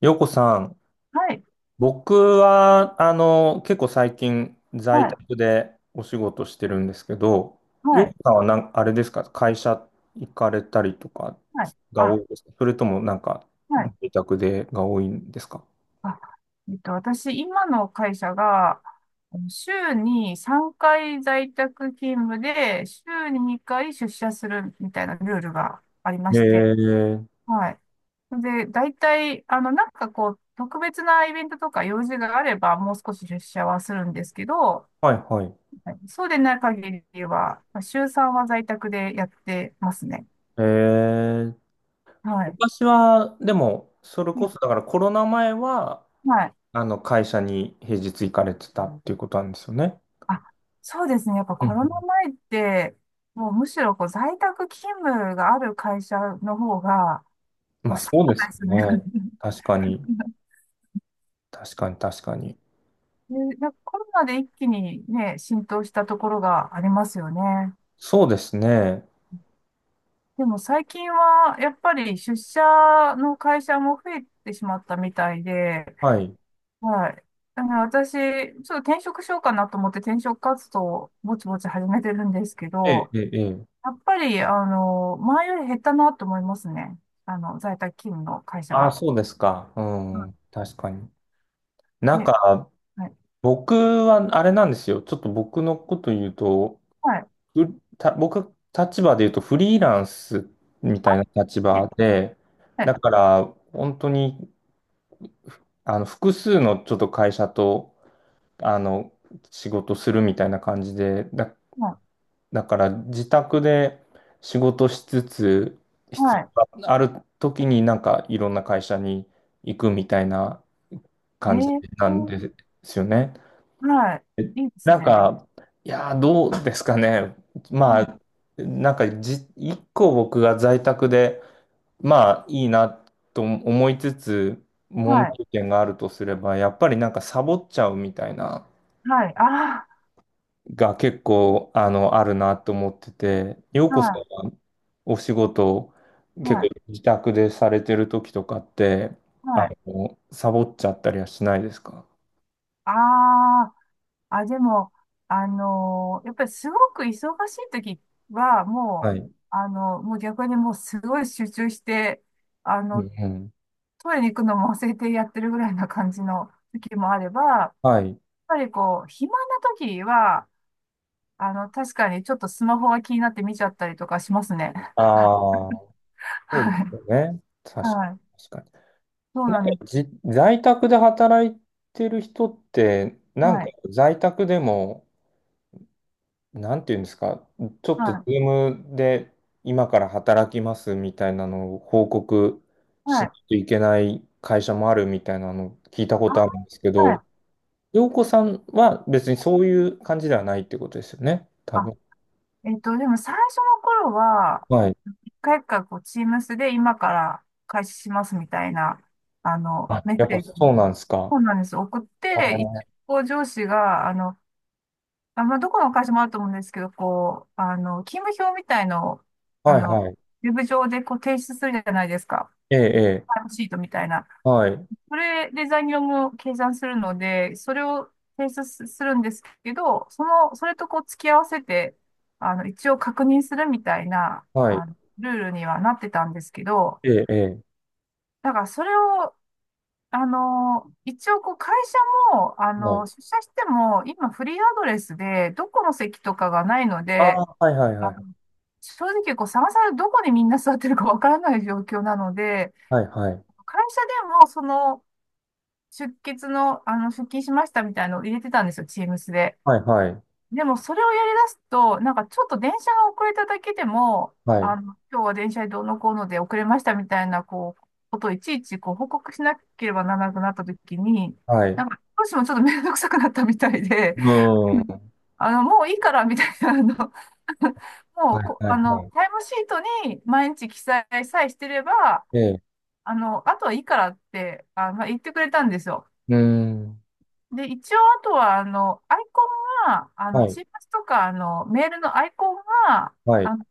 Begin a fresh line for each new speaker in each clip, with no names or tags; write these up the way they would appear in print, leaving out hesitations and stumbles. ようこさん、
はい、
僕は、結構最近
は
在
い、
宅でお仕事してるんですけど、
は
ようこ
い、
さんはなん、あれですか、会社行かれたりとか
はい。
が多
あ、
いですか、それともなんか、
はい。
自宅でが多いんですか？
あ、私、今の会社が、あの週に3回在宅勤務で、週に2回出社するみたいなルールがありま
え
して、
ー、
はい。で、大体、あの、なんかこう、特別なイベントとか用事があれば、もう少し出社はするんですけど、
はいはい。
はい。そうでない限りは、まあ週3は在宅でやってますね。
えー、
はい。
昔は、でも、それこそ、だからコロナ前は、
はい。
あの、会社に平日行かれてたっていうことなんですよね。
あ、そうですね。やっぱ
うんう
コロナ
ん。
前って、もうむしろこう在宅勤務がある会社の方が、ま
ま
あ、
あ
少
そう
なかっ
で
た
す
ですよね。
よね。確かに。確かに、確かに。
で、なんかコロナで一気にね、浸透したところがありますよね。
そうですね。
でも最近はやっぱり出社の会社も増えてしまったみたいで、
はい。
はい。だから私、ちょっと転職しようかなと思って転職活動をぼちぼち始めてるんですけ
ええ、
ど、
ええ、ええ。
やっぱり、あの、前より減ったなと思いますね。あの、在宅勤務の会社
ああ、
が。
そうですか。う
う
ん。確かに。な
ん、
ん
え、
か、
はい。
僕は、あれなんですよ。ちょっと僕のこと言うと、
はい。
う僕、立場で言うと、フリーランスみたいな立場
ね、
で、
は
だ
い。
から、本当に、あの、複数のちょっと会社と、あの、仕事するみたいな感じで、
はい。
だから自宅で仕事しつつ、必
は
要がある時になんかいろんな会社に行くみたいな
い。
感じ
え
なんで
ー、
すよね。
はい。いいです
なん
ね。
か、いやー、どうですかね。
う
ま
ん。
あ、なんかじ、一個僕が在宅で、まあいいなと思いつつ、問
はい。
題点があるとすれば、やっぱりなんかサボっちゃうみたいな。
はい。あ
が結構、あの、あるなと思ってて、よう
あ、
こさん
は
はお仕事、
い。
結
は
構
い。
自宅でされてる時とかって、
は
あ
い。
の、サボっちゃったりはしないですか？
ああ、あ、でも、やっぱりすごく忙しい時は、も
は
う、
い。う
あの、もう逆にもうすごい集中して、あ
ん
の、
うん。
トイレに行くのも忘れてやってるぐらいな感じの時もあれば、
はい。
ぱりこう、暇な時は、あの、確かにちょっとスマホが気になって見ちゃったりとかしますね。
ああ、そうで
はい。
すよね。確か、
はい。
確か
そう
に。なん
なんで
か
す。
じ、在宅で働いてる人って、なん
は
か
い。
在宅でも、なんていうんですか、ちょっと
は
Zoom で今から働きますみたいなのを報告
い。
し
は
な
い。
いといけない会社もあるみたいなのを聞いたこ
あ
とあるんですけ
ー、は
ど、
い。
洋子さんは別にそういう感じではないってことですよね、多
あ、
分。
でも最初の頃は、
はい。
一回かこう、Teams で今から開始しますみたいな、あの、
あ、
メッ
やっ
セ
ぱ
ージ
そう
も、
なんですか。
そうなんです。送っ
あ
て、一
ー、
応上司が、あの、あ、まあ、どこの会社もあると思うんですけど、こう、あの、勤務表みたいのを、あ
はい
の、
はい。
ウェブ上でこう提出するじゃないですか。
ええ、ええ、
タイムシートみたいな。
はい、
それで残業も計算するので、それを提出すするんですけど、その、それとこう付き合わせて、あの、一応確認するみたいな、
はい、
あの、ルールにはなってたんですけど、
ええ、え
だからそれを、あの、一応こう会社も、あ
え、は
の、
い。
出社しても、今フリーアドレスで、どこの席とかがないの
あ
で、
あ、はいはいは
あ、
い。
正直、こう、さまさまどこでみんな座ってるかわからない状況なので、
はいはい。
会社でも、その、出血の、あの、出勤しましたみたいなのを入れてたんですよ、チームスで。
はいはい。
でも、それをやり出すと、なんか、ちょっと電車が遅れただけでも、
はい
あの、今日は電車でどうのこうので遅れましたみたいな、こう、ことをいちいち、こう、報告しなければならなくなったときに、
はい。
な
う
んか、どうしてもちょっと面倒くさくなったみたいで、
ー
うん、
ん。
あの、もういいからみたいな、あの、も
は
う
い
こ、
はい
あの、
はい。
タイムシートに毎日記載さえしてれば、
ええ。
あの、あとはいいからって、あの、言ってくれたんですよ。
うーん。
で、一応、あとは、あの、アイコンが、あ
は
の、
い、
チームズとか、あの、メールのアイコンが、
はい、
あの、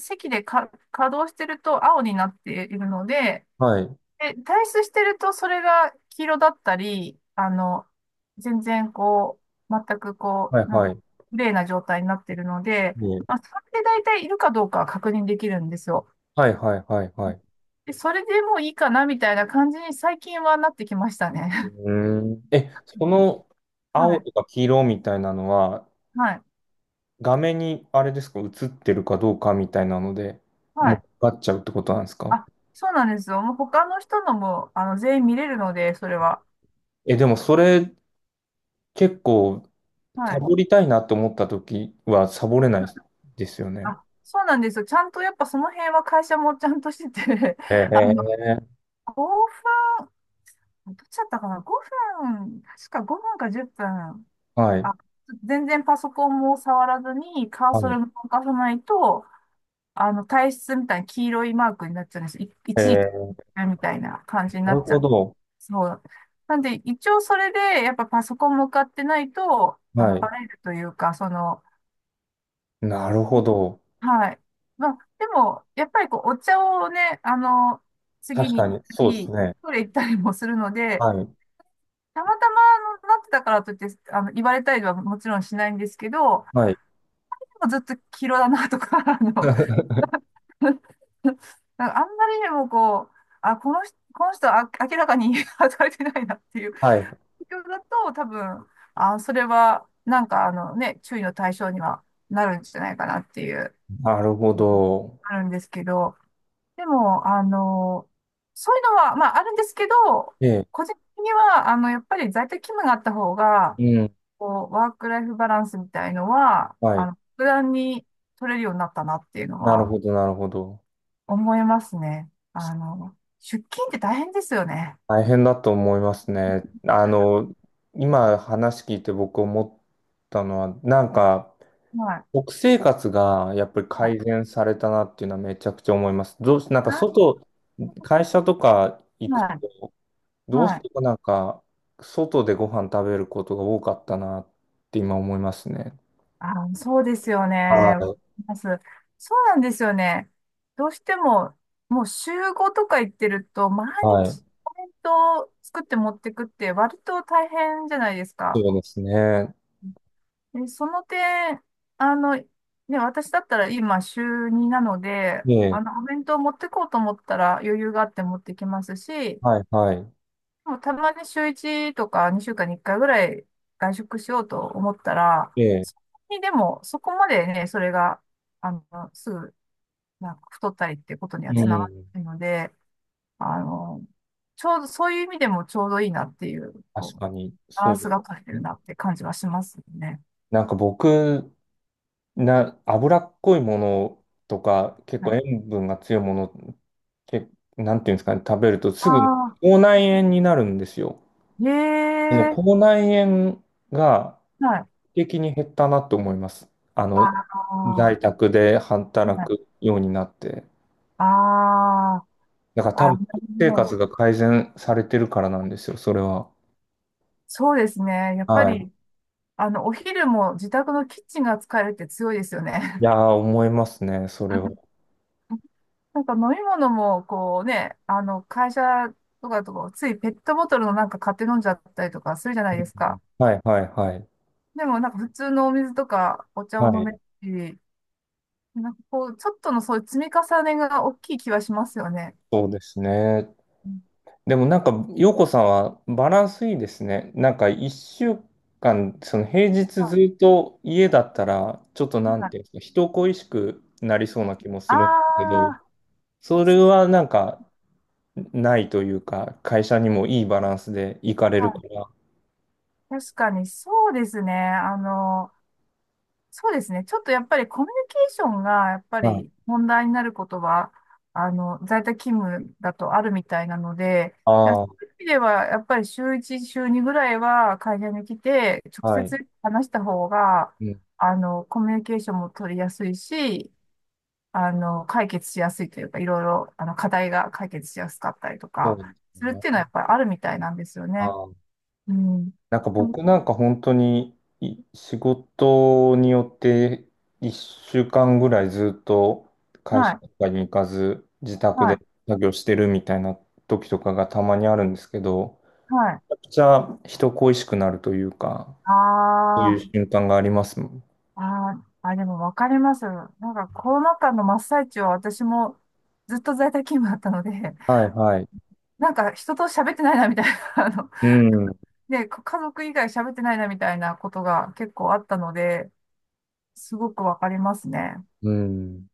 席でか稼働してると青になっているので、
はい、
で退出してるとそれが黄色だったり、あの、全然こう、全くこ
はい、
う、な、
はい、
綺麗な状態になってるので、
ね、
まあ、それで大体いるかどうかは確認できるんですよ。
はい、はい、はい、はい。
で、それでもういいかなみたいな感じに最近はなってきました
う
ね。
ーん。え、その
は
青
い、
とか黄色みたいなのは、
はい、
画面にあれですか、映ってるかどうかみたいなので、
は
もう
い。
分かっちゃうってことなんですか？
あ、そうなんですよ。もう他の人のも、あの、全員見れるので、それは。
え、でもそれ結構、
は
サ
い。
ボりたいなと思った時はサボれないですよね。
あ、そうなんですよ。ちゃんとやっぱその辺は会社もちゃんとしてて、
え
あの、
ー、
オファーどっちだったかな？ 5 分、確か5分か10分。
はい、
あ、全然パソコンも触らずにカー
は
ソ
い。
ルも動かさないと、あの、体質みたいな黄色いマークになっちゃうんです。い
え
一時
ー、
みたいな感じにな
なる
っちゃ
ほ
う。
ど。
そう。なんで、一応それで、やっぱパソコン向かってないと、あ
は
の、バ
い。
レるというか、その、
なるほど。
はい。まあ、でも、やっぱりこう、お茶をね、あの、次
確
に
か
行っ
に、
た
そうです
り、
ね。
トイレ行ったりもするので、
はい、
たまたまのなってたからといって、あの、言われたりはもちろんしないんですけど、
はい。
でもずっと黄色だなとか、あの、なんかあんまりにもこう、あ、この人は明らかに 働いてないなっていう
はい。
状況だと、多分、あ、それは、なんかあのね、注意の対象にはなるんじゃないかなっていう、
なるほど。
あるんですけど、でも、あの、そういうのは、まあ、あるんですけど、
ええ、
個人的には、あの、やっぱり在宅勤務があった方が、
うん。
こう、ワークライフバランスみたいのは、
は
あ
い。
の、普段に取れるようになったなっていうの
なる
は
ほど、なるほど。
思いますね。あの、出勤って大変ですよね。
大変だと思いますね。あの、今話聞いて僕思ったのは、なんか、
はい。
食生活がやっぱり
はい。
改善されたなっていうのはめちゃくちゃ思います。どうし、なんか
あ、
外、会社とか行くと、
はい。
どうし
はい。
てもなんか、外でご飯食べることが多かったなって今思いますね。
あ、そうですよ
は
ね。
い。
ます。そうなんですよね。どうしても、もう週5とか行ってると、毎
はい。
日コメントを作って持ってくって割と大変じゃないですか。
そうですね。
え、その点、あの、ね、私だったら今週2なので、
ええ、
あの、お弁当持ってこうと思ったら余裕があって持ってきますし、
はい、はい。
もうたまに週1とか2週間に1回ぐらい外食しようと思ったら、
ええ、
そこにでも、そこまでね、それが、あの、すぐ、なんか太ったりっていうことには
う
つながっ
ん。
ているので、あの、ちょうど、そういう意味でもちょうどいいなっていう、こ
確
う、
かに、
バラ
そ
ン
うで
ス
す
が取れてる
ね。
なって感じはしますね。
なんか僕、な、脂っこいものとか、結
は
構
い。
塩分が強いもの、け、なんていうんですかね、食べるとすぐ
あ、
口内炎になるんですよ。
え
その
え、
口内炎が
はい。
劇的に減ったなと思います。あ
あ
の、在
あ、
宅で
は
働
い。
くようになって。
ああ、
だから多
あ、な
分、
るほ
生活
ど。
が改善されてるからなんですよ、それは。
そうですね。やっぱ
はい。
り、あの、お昼も自宅のキッチンが使えるって強いですよ
い
ね。
やー、思いますね、それは。
なんか飲み物も、こうね、あの、会社とかだとこう、ついペットボトルのなんか買って飲んじゃったりとかするじゃな
う
いです
ん、
か。
はい、はい、はい。
でも、なんか普通のお水とかお茶を
は
飲める
い。
し、なんかこう、ちょっとのそういう積み重ねが大きい気はしますよね。
そうですね。
うん。
でもなんか、陽子さんはバランスいいですね。なんか、一週間、その平日
ま
ずっと家だったら、ちょっとなんていうんですか、人恋しくなりそうな気もす
あま
るんだけど、
あ、
それはなんか、ないというか、会社にもいいバランスで行かれ
あー、
るか
はい、
ら。
確かにそうですね。あの、そうですね。ちょっとやっぱりコミュニケーションがやっぱ
はい。
り問題になることは、あの、在宅勤務だとあるみたいなので、いや、
あ
そ
あ、
ういう意味ではやっぱり週1、週2ぐらいは会社に来て直
はい。
接話した方が、
うん、
あの、コミュニケーションも取りやすいし、あの、解決しやすいというか、いろいろ、あの、課題が解決しやすかったりと
そう
か、
です
するっていうのは
ね。
やっぱりあるみたいなんですよね。うん。
なんか
あの、
僕なんか本当に仕事によって1週間ぐらいずっと会
は
社
い。
とかに行かず自宅
は
で
い。
作業してるみたいな時とかがたまにあるんですけど、
はい。
めちゃくちゃ人恋しくなるというか、
あ
そういう
あ、
瞬間がありますもん。
あーあ、でもわかります。なんかコロナ禍の真っ最中は私もずっと在宅勤務だったので、
はいはい。
なんか人と喋ってないなみたいな、あの、
うん。
で、家族以外喋ってないなみたいなことが結構あったので、すごくわかりますね。
うん。